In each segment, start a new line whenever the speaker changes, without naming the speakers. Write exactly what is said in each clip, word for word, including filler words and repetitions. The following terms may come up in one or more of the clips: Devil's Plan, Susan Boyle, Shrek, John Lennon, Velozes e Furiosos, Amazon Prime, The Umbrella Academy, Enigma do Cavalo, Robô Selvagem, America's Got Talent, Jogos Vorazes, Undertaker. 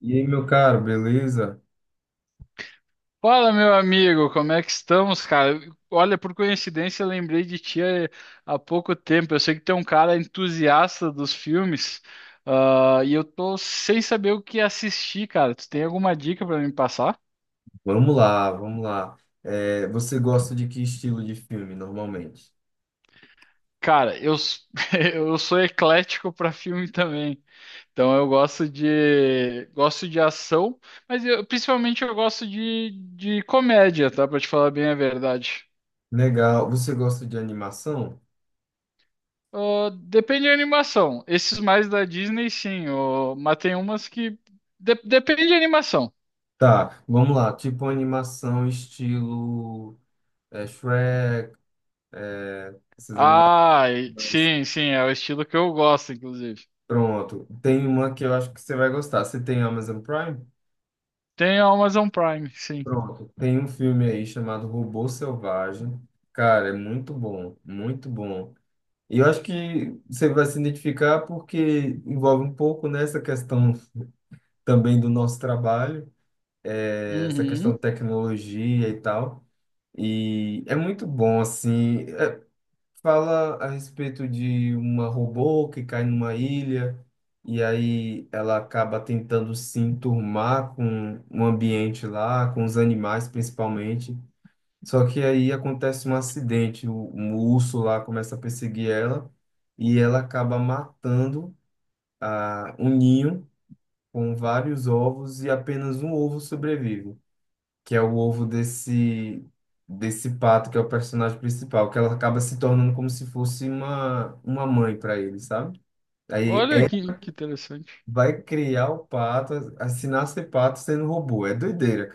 E aí, meu caro, beleza?
Fala, meu amigo, como é que estamos, cara? Olha, por coincidência, eu lembrei de ti há, há pouco tempo. Eu sei que tu é um cara entusiasta dos filmes, ah, e eu tô sem saber o que assistir, cara. Tu tem alguma dica pra me passar?
Vamos lá, vamos lá. É, você gosta de que estilo de filme normalmente?
Cara, eu, s- eu sou eclético pra filme também. Então eu gosto de gosto de ação, mas eu- principalmente eu gosto de, de comédia, tá? Pra te falar bem a verdade.
Legal. Você gosta de animação?
Ah, depende da animação. Esses mais da Disney, sim. Ô, mas tem umas que, de- depende da animação.
Tá, vamos lá. Tipo animação estilo é, Shrek, é, essas
Ah, e-
animações.
sim, sim. É o estilo que eu gosto, inclusive.
Pronto. Tem uma que eu acho que você vai gostar. Você tem Amazon Prime?
Tem a Amazon Prime, sim.
Pronto. Tem um filme aí chamado Robô Selvagem. Cara, é muito bom, muito bom. E eu acho que você vai se identificar porque envolve um pouco nessa questão também do nosso trabalho, eh, essa questão de
Uhum.
tecnologia e tal. E é muito bom, assim. Eh, fala a respeito de uma robô que cai numa ilha e aí ela acaba tentando se enturmar com o ambiente lá, com os animais principalmente. Só que aí acontece um acidente, o, um urso lá começa a perseguir ela e ela acaba matando a, um ninho com vários ovos e apenas um ovo sobrevive, que é o ovo desse desse pato que é o personagem principal, que ela acaba se tornando como se fosse uma uma mãe para ele, sabe? Aí
Olha
ela
que, que interessante.
vai criar o pato, a- a- se nascer pato sendo robô, é doideira.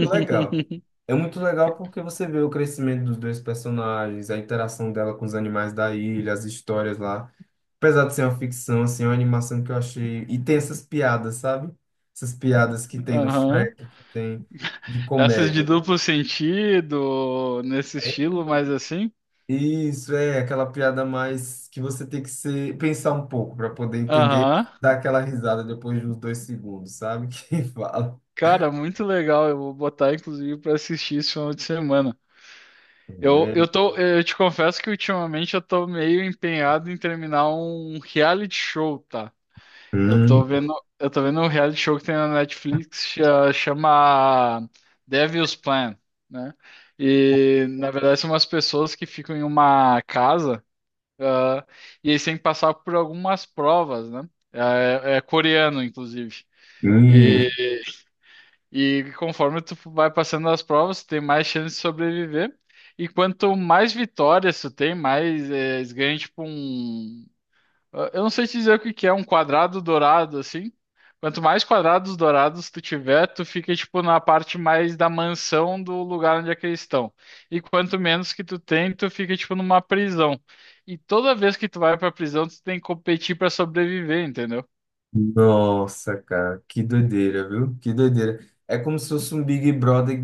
Legal. É muito legal porque você vê o crescimento dos dois personagens, a interação dela com os animais da ilha, as histórias lá. Apesar de ser uma ficção, assim, é uma animação que eu achei. E tem essas piadas, sabe? Essas piadas que tem no
Aham.
Shrek, que tem de
Essas de
comédia.
duplo sentido, nesse
É.
estilo, mais assim.
Isso é aquela piada mais que você tem que ser, pensar um pouco para poder entender,
Aham.
dar aquela risada depois de uns dois segundos, sabe? Quem fala.
Cara, muito legal. Eu vou botar, inclusive, pra assistir esse final de semana. Eu,
É.
eu tô, eu te confesso que ultimamente eu tô meio empenhado em terminar um reality show, tá? Eu
Hum,
tô vendo, eu tô vendo um reality show que tem na Netflix, cha- chama Devil's Plan, né? E na verdade são umas pessoas que ficam em uma casa, ah, e eles têm que passar por algumas provas, né? É, é coreano, inclusive.
hum.
E conforme tu vai passando as provas, tu tem mais chance de sobreviver. E quanto mais vitórias tu tem, mais eh, eles ganham tipo um. ah, Eu não sei te dizer o que que é, um quadrado dourado, assim. Quanto mais quadrados dourados tu tiver, tu fica tipo na parte mais da mansão do lugar onde é que eles estão. E quanto menos que tu tem, tu fica tipo numa prisão. E toda vez que tu vai pra prisão, tu tem que competir pra sobreviver, entendeu?
Nossa, cara, que doideira, viu? Que doideira. É como se fosse um Big Brother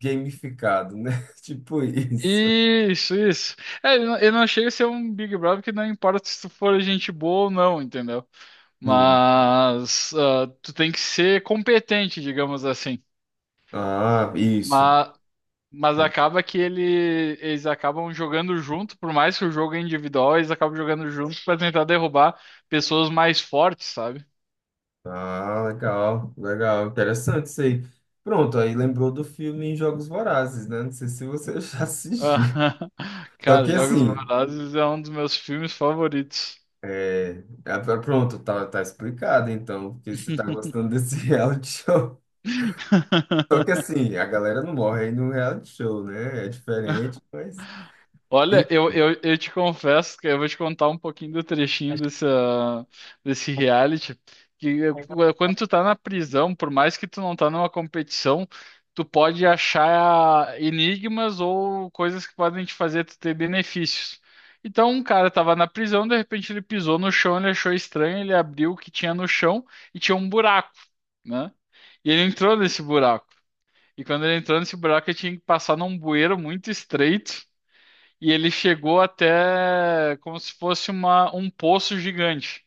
gamificado, né? Tipo isso.
Isso, isso. É, eu não eu não chega a ser um Big Brother que não importa se tu for gente boa ou não, entendeu?
Hum.
Mas ah, tu tem que ser competente, digamos assim.
Ah, isso.
Mas, mas acaba que ele, eles acabam jogando junto, por mais que o jogo é individual, eles acabam jogando junto pra tentar derrubar pessoas mais fortes, sabe?
Ah, legal, legal. Interessante isso aí. Pronto, aí lembrou do filme Jogos Vorazes, né? Não sei se você já assistiu. Só
Cara,
que
Jogos
assim,
Vorazes é um dos meus filmes favoritos.
é, é, pronto, tá, tá explicado então, porque você tá gostando desse reality show. Só que assim, a galera não morre aí no reality show, né? É diferente, mas.
Olha,
Enfim,
eu, eu, eu te confesso que eu vou te contar um pouquinho do trechinho dessa, desse reality, que eh, quando tu tá na prisão, por mais que tu não tá numa competição, tu pode achar enigmas ou coisas que podem te fazer tu ter benefícios. Então, um cara tava na prisão, de repente ele pisou no chão, ele achou estranho, ele abriu o que tinha no chão e tinha um buraco, né? E ele entrou nesse buraco. E quando ele entrou nesse buraco, ele tinha que passar num bueiro muito estreito e ele chegou até como se fosse uma, um poço gigante.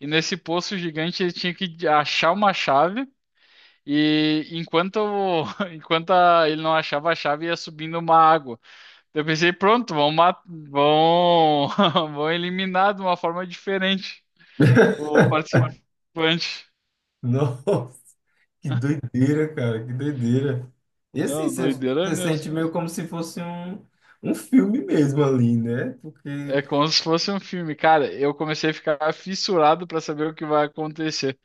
E nesse poço gigante ele tinha que achar uma chave. E enquanto, enquanto a- ele não achava a chave, ia subindo uma água. Eu pensei, pronto, vão, ma- vão, vão eliminar de uma forma diferente o participante.
nossa, que doideira, cara, que doideira. E assim,
Não,
você
doideira
você sente
mesmo.
meio como se fosse um, um filme mesmo ali, né? Porque,
É como se fosse um filme. Cara, eu comecei a ficar fissurado para saber o que vai acontecer.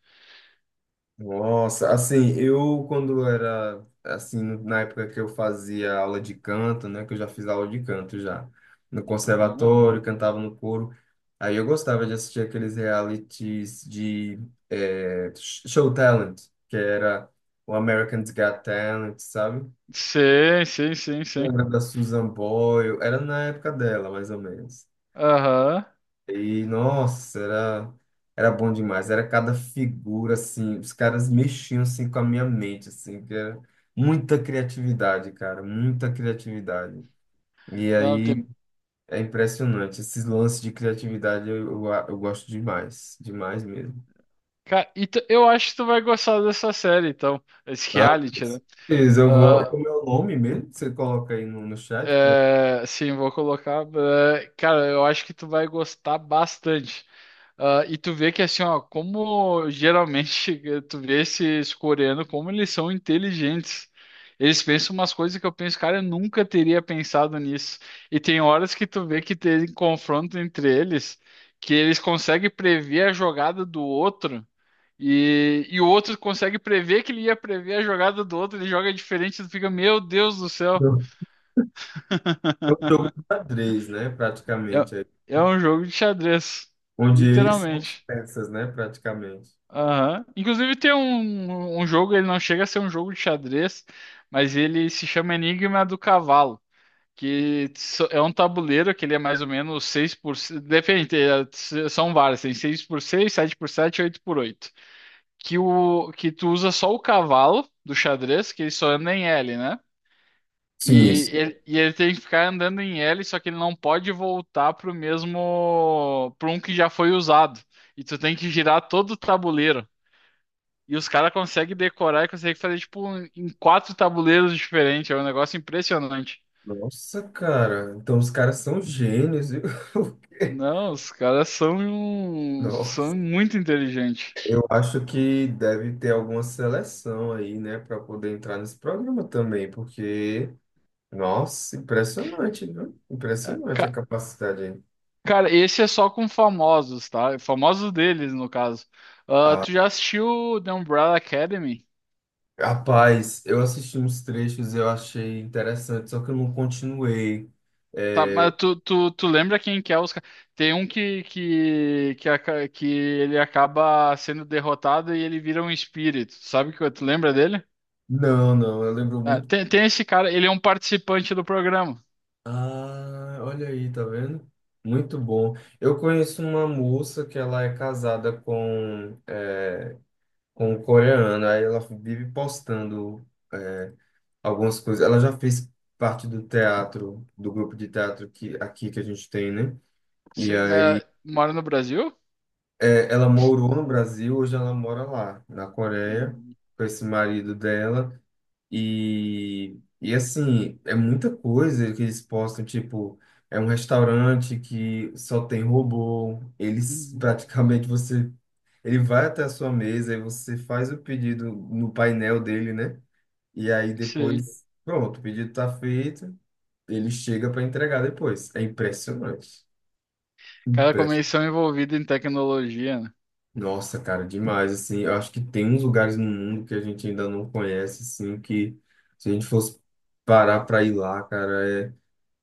nossa, assim, eu quando era, assim, na época que eu fazia aula de canto, né? Que eu já fiz aula de canto já, no
Ah,
conservatório, cantava no coro. Aí eu gostava de assistir aqueles realities de eh, Show Talent, que era o American's Got Talent, sabe?
sim, sim, sim, sim.
Lembra da Susan Boyle? Era na época dela, mais ou menos.
Aham.
E, nossa, era, era bom demais. Era cada figura, assim, os caras mexiam, assim, com a minha mente, assim, que era muita criatividade, cara, muita criatividade. E
Não,
aí,
tem.
é impressionante. Esses lances de criatividade eu, eu, eu gosto demais, demais mesmo.
Cara, e tu- eu acho que tu vai gostar dessa série, então. Esse
Ah, com
reality, né?
certeza, eu vou...
Ah,
Como é o nome mesmo? Você coloca aí no, no chat pra...
é, sim, vou colocar. é, Cara, eu acho que tu vai gostar bastante. Ah, e tu vê que assim, ó, como geralmente tu vê esses coreanos, como eles são inteligentes. Eles pensam umas coisas que eu penso, cara, eu nunca teria pensado nisso. E tem horas que tu vê que tem confronto entre eles, que eles conseguem prever a jogada do outro. E, e o outro consegue prever que ele ia prever a jogada do outro, ele joga diferente, tu fica, meu Deus do
É
céu.
um jogo de xadrez, né,
É,
praticamente. Aí.
é um jogo de xadrez,
Onde eles são as
literalmente.
peças, né, praticamente.
Aham. Inclusive tem um, um jogo, ele não chega a ser um jogo de xadrez, mas ele se chama Enigma do Cavalo, que so- é um tabuleiro que ele é mais ou menos seis por... Depende, é, s- são vários, tem seis por seis, sete por sete, oito por oito. Que, o, que tu usa só o cavalo do xadrez, que ele só anda em L, né?
Sim.
E ele, e ele tem que ficar andando em L, só que ele não pode voltar pro mesmo, pro um que já foi usado. E tu tem que girar todo o tabuleiro. E os caras conseguem decorar e conseguem fazer tipo um- em quatro tabuleiros diferentes. É um negócio impressionante.
Nossa, cara, então os caras são gênios, viu? O quê?
Não, os caras são um- são
Nossa,
muito inteligentes.
eu acho que deve ter alguma seleção aí, né, para poder entrar nesse programa também, porque, nossa, impressionante, viu?
É,
Impressionante a
ca-
capacidade aí.
Cara, esse é só com famosos, tá? Famosos deles, no caso. Ah,
Ah,
tu já assistiu The Umbrella Academy?
rapaz, eu assisti uns trechos, eu achei interessante, só que eu não continuei.
Tá,
É,
mas tu, tu, tu lembra quem que é os... ca- Tem um que, que, que, aca- que ele acaba sendo derrotado e ele vira um espírito. Sabe que tu lembra dele?
não, não, eu lembro
Ah,
muito.
tem, tem esse cara, ele é um participante do programa.
Ah, olha aí, tá vendo? Muito bom. Eu conheço uma moça que ela é casada com, é, com um coreano, aí ela vive postando, é, algumas coisas. Ela já fez parte do teatro, do grupo de teatro que, aqui que a gente tem, né? E
Sim, mas
aí,
mora no Brasil?
é, ela morou no Brasil, hoje ela mora lá, na Coreia,
Hum.
com esse marido dela. E, e assim, é muita coisa que eles postam, tipo, é um restaurante que só tem robô, eles
Uhum.
praticamente você, ele vai até a sua mesa e você faz o pedido no painel dele, né? E aí
Sim.
depois, pronto, o pedido tá feito, ele chega para entregar depois. É impressionante.
Cada
Impress-
comissão envolvida em tecnologia, né?
Nossa, cara, demais, assim, eu acho que tem uns lugares no mundo que a gente ainda não conhece, assim, que se a gente fosse parar para ir lá, cara, é.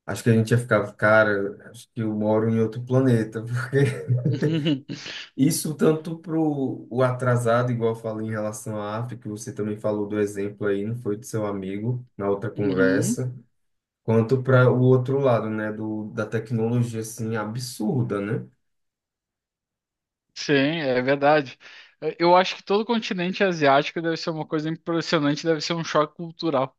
Acho que a gente ia ficar, cara, acho que eu moro em outro planeta, porque
Uhum.
isso tanto pro o atrasado, igual eu falei em relação à África, você também falou do exemplo aí, não foi do seu amigo, na outra
Uhum.
conversa, quanto para o outro lado, né, do, da tecnologia, assim, absurda, né?
Sim, é verdade. É, eu acho que todo o continente asiático deve ser uma coisa impressionante, deve ser um choque cultural.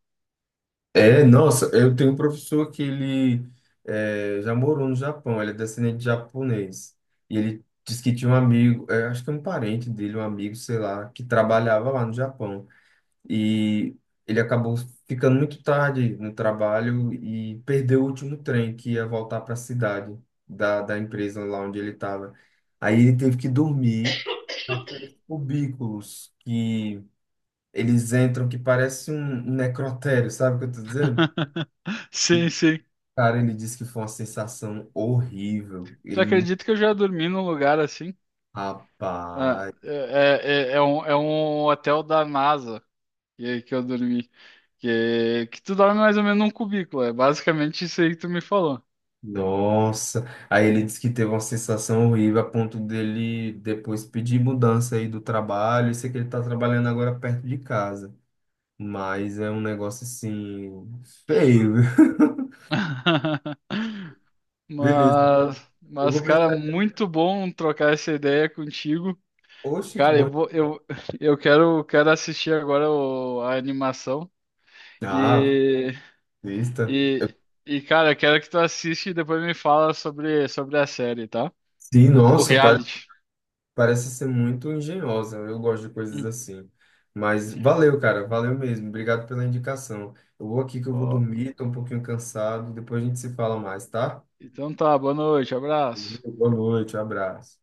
É, nossa, eu tenho um professor que ele é, já morou no Japão, ele é descendente de japonês, e ele disse que tinha um amigo, é, acho que é um parente dele, um amigo, sei lá, que trabalhava lá no Japão. E ele acabou ficando muito tarde no trabalho e perdeu o último trem que ia voltar para a cidade da, da empresa lá onde ele estava. Aí ele teve que dormir naqueles cubículos que eles entram que parece um um necrotério, sabe o que eu tô dizendo? E,
Sim, sim.
cara, ele disse que foi uma sensação horrível.
Tu
Ele não.
acredita que eu já dormi num lugar assim? Ah,
Rapaz.
é, é, é é um, é um hotel da NASA que, que eu dormi. Que, que tu dorme mais ou menos num cubículo. É basicamente isso aí que tu me falou.
Nossa, aí ele disse que teve uma sensação horrível a ponto dele depois pedir mudança aí do trabalho. Eu sei que ele tá trabalhando agora perto de casa, mas é um negócio assim feio. Viu? Beleza, cara.
Mas,
Eu
mas,
vou
cara,
precisar.
muito bom trocar essa ideia contigo.
Oxe, de
Cara, eu
bom.
vou, eu, eu quero, quero assistir agora o- a animação
Ah,
e,
lista.
e, e, cara, eu quero que tu assiste e depois me fala sobre, sobre a série, tá?
Sim,
O
nossa, pare-
reality.
parece ser muito engenhosa. Eu gosto de coisas
Hum.
assim. Mas valeu, cara, valeu mesmo. Obrigado pela indicação. Eu vou aqui que eu vou
Ó,
dormir, tô um pouquinho cansado. Depois a gente se fala mais, tá?
então tá, boa noite, abraço.
Boa noite, um abraço.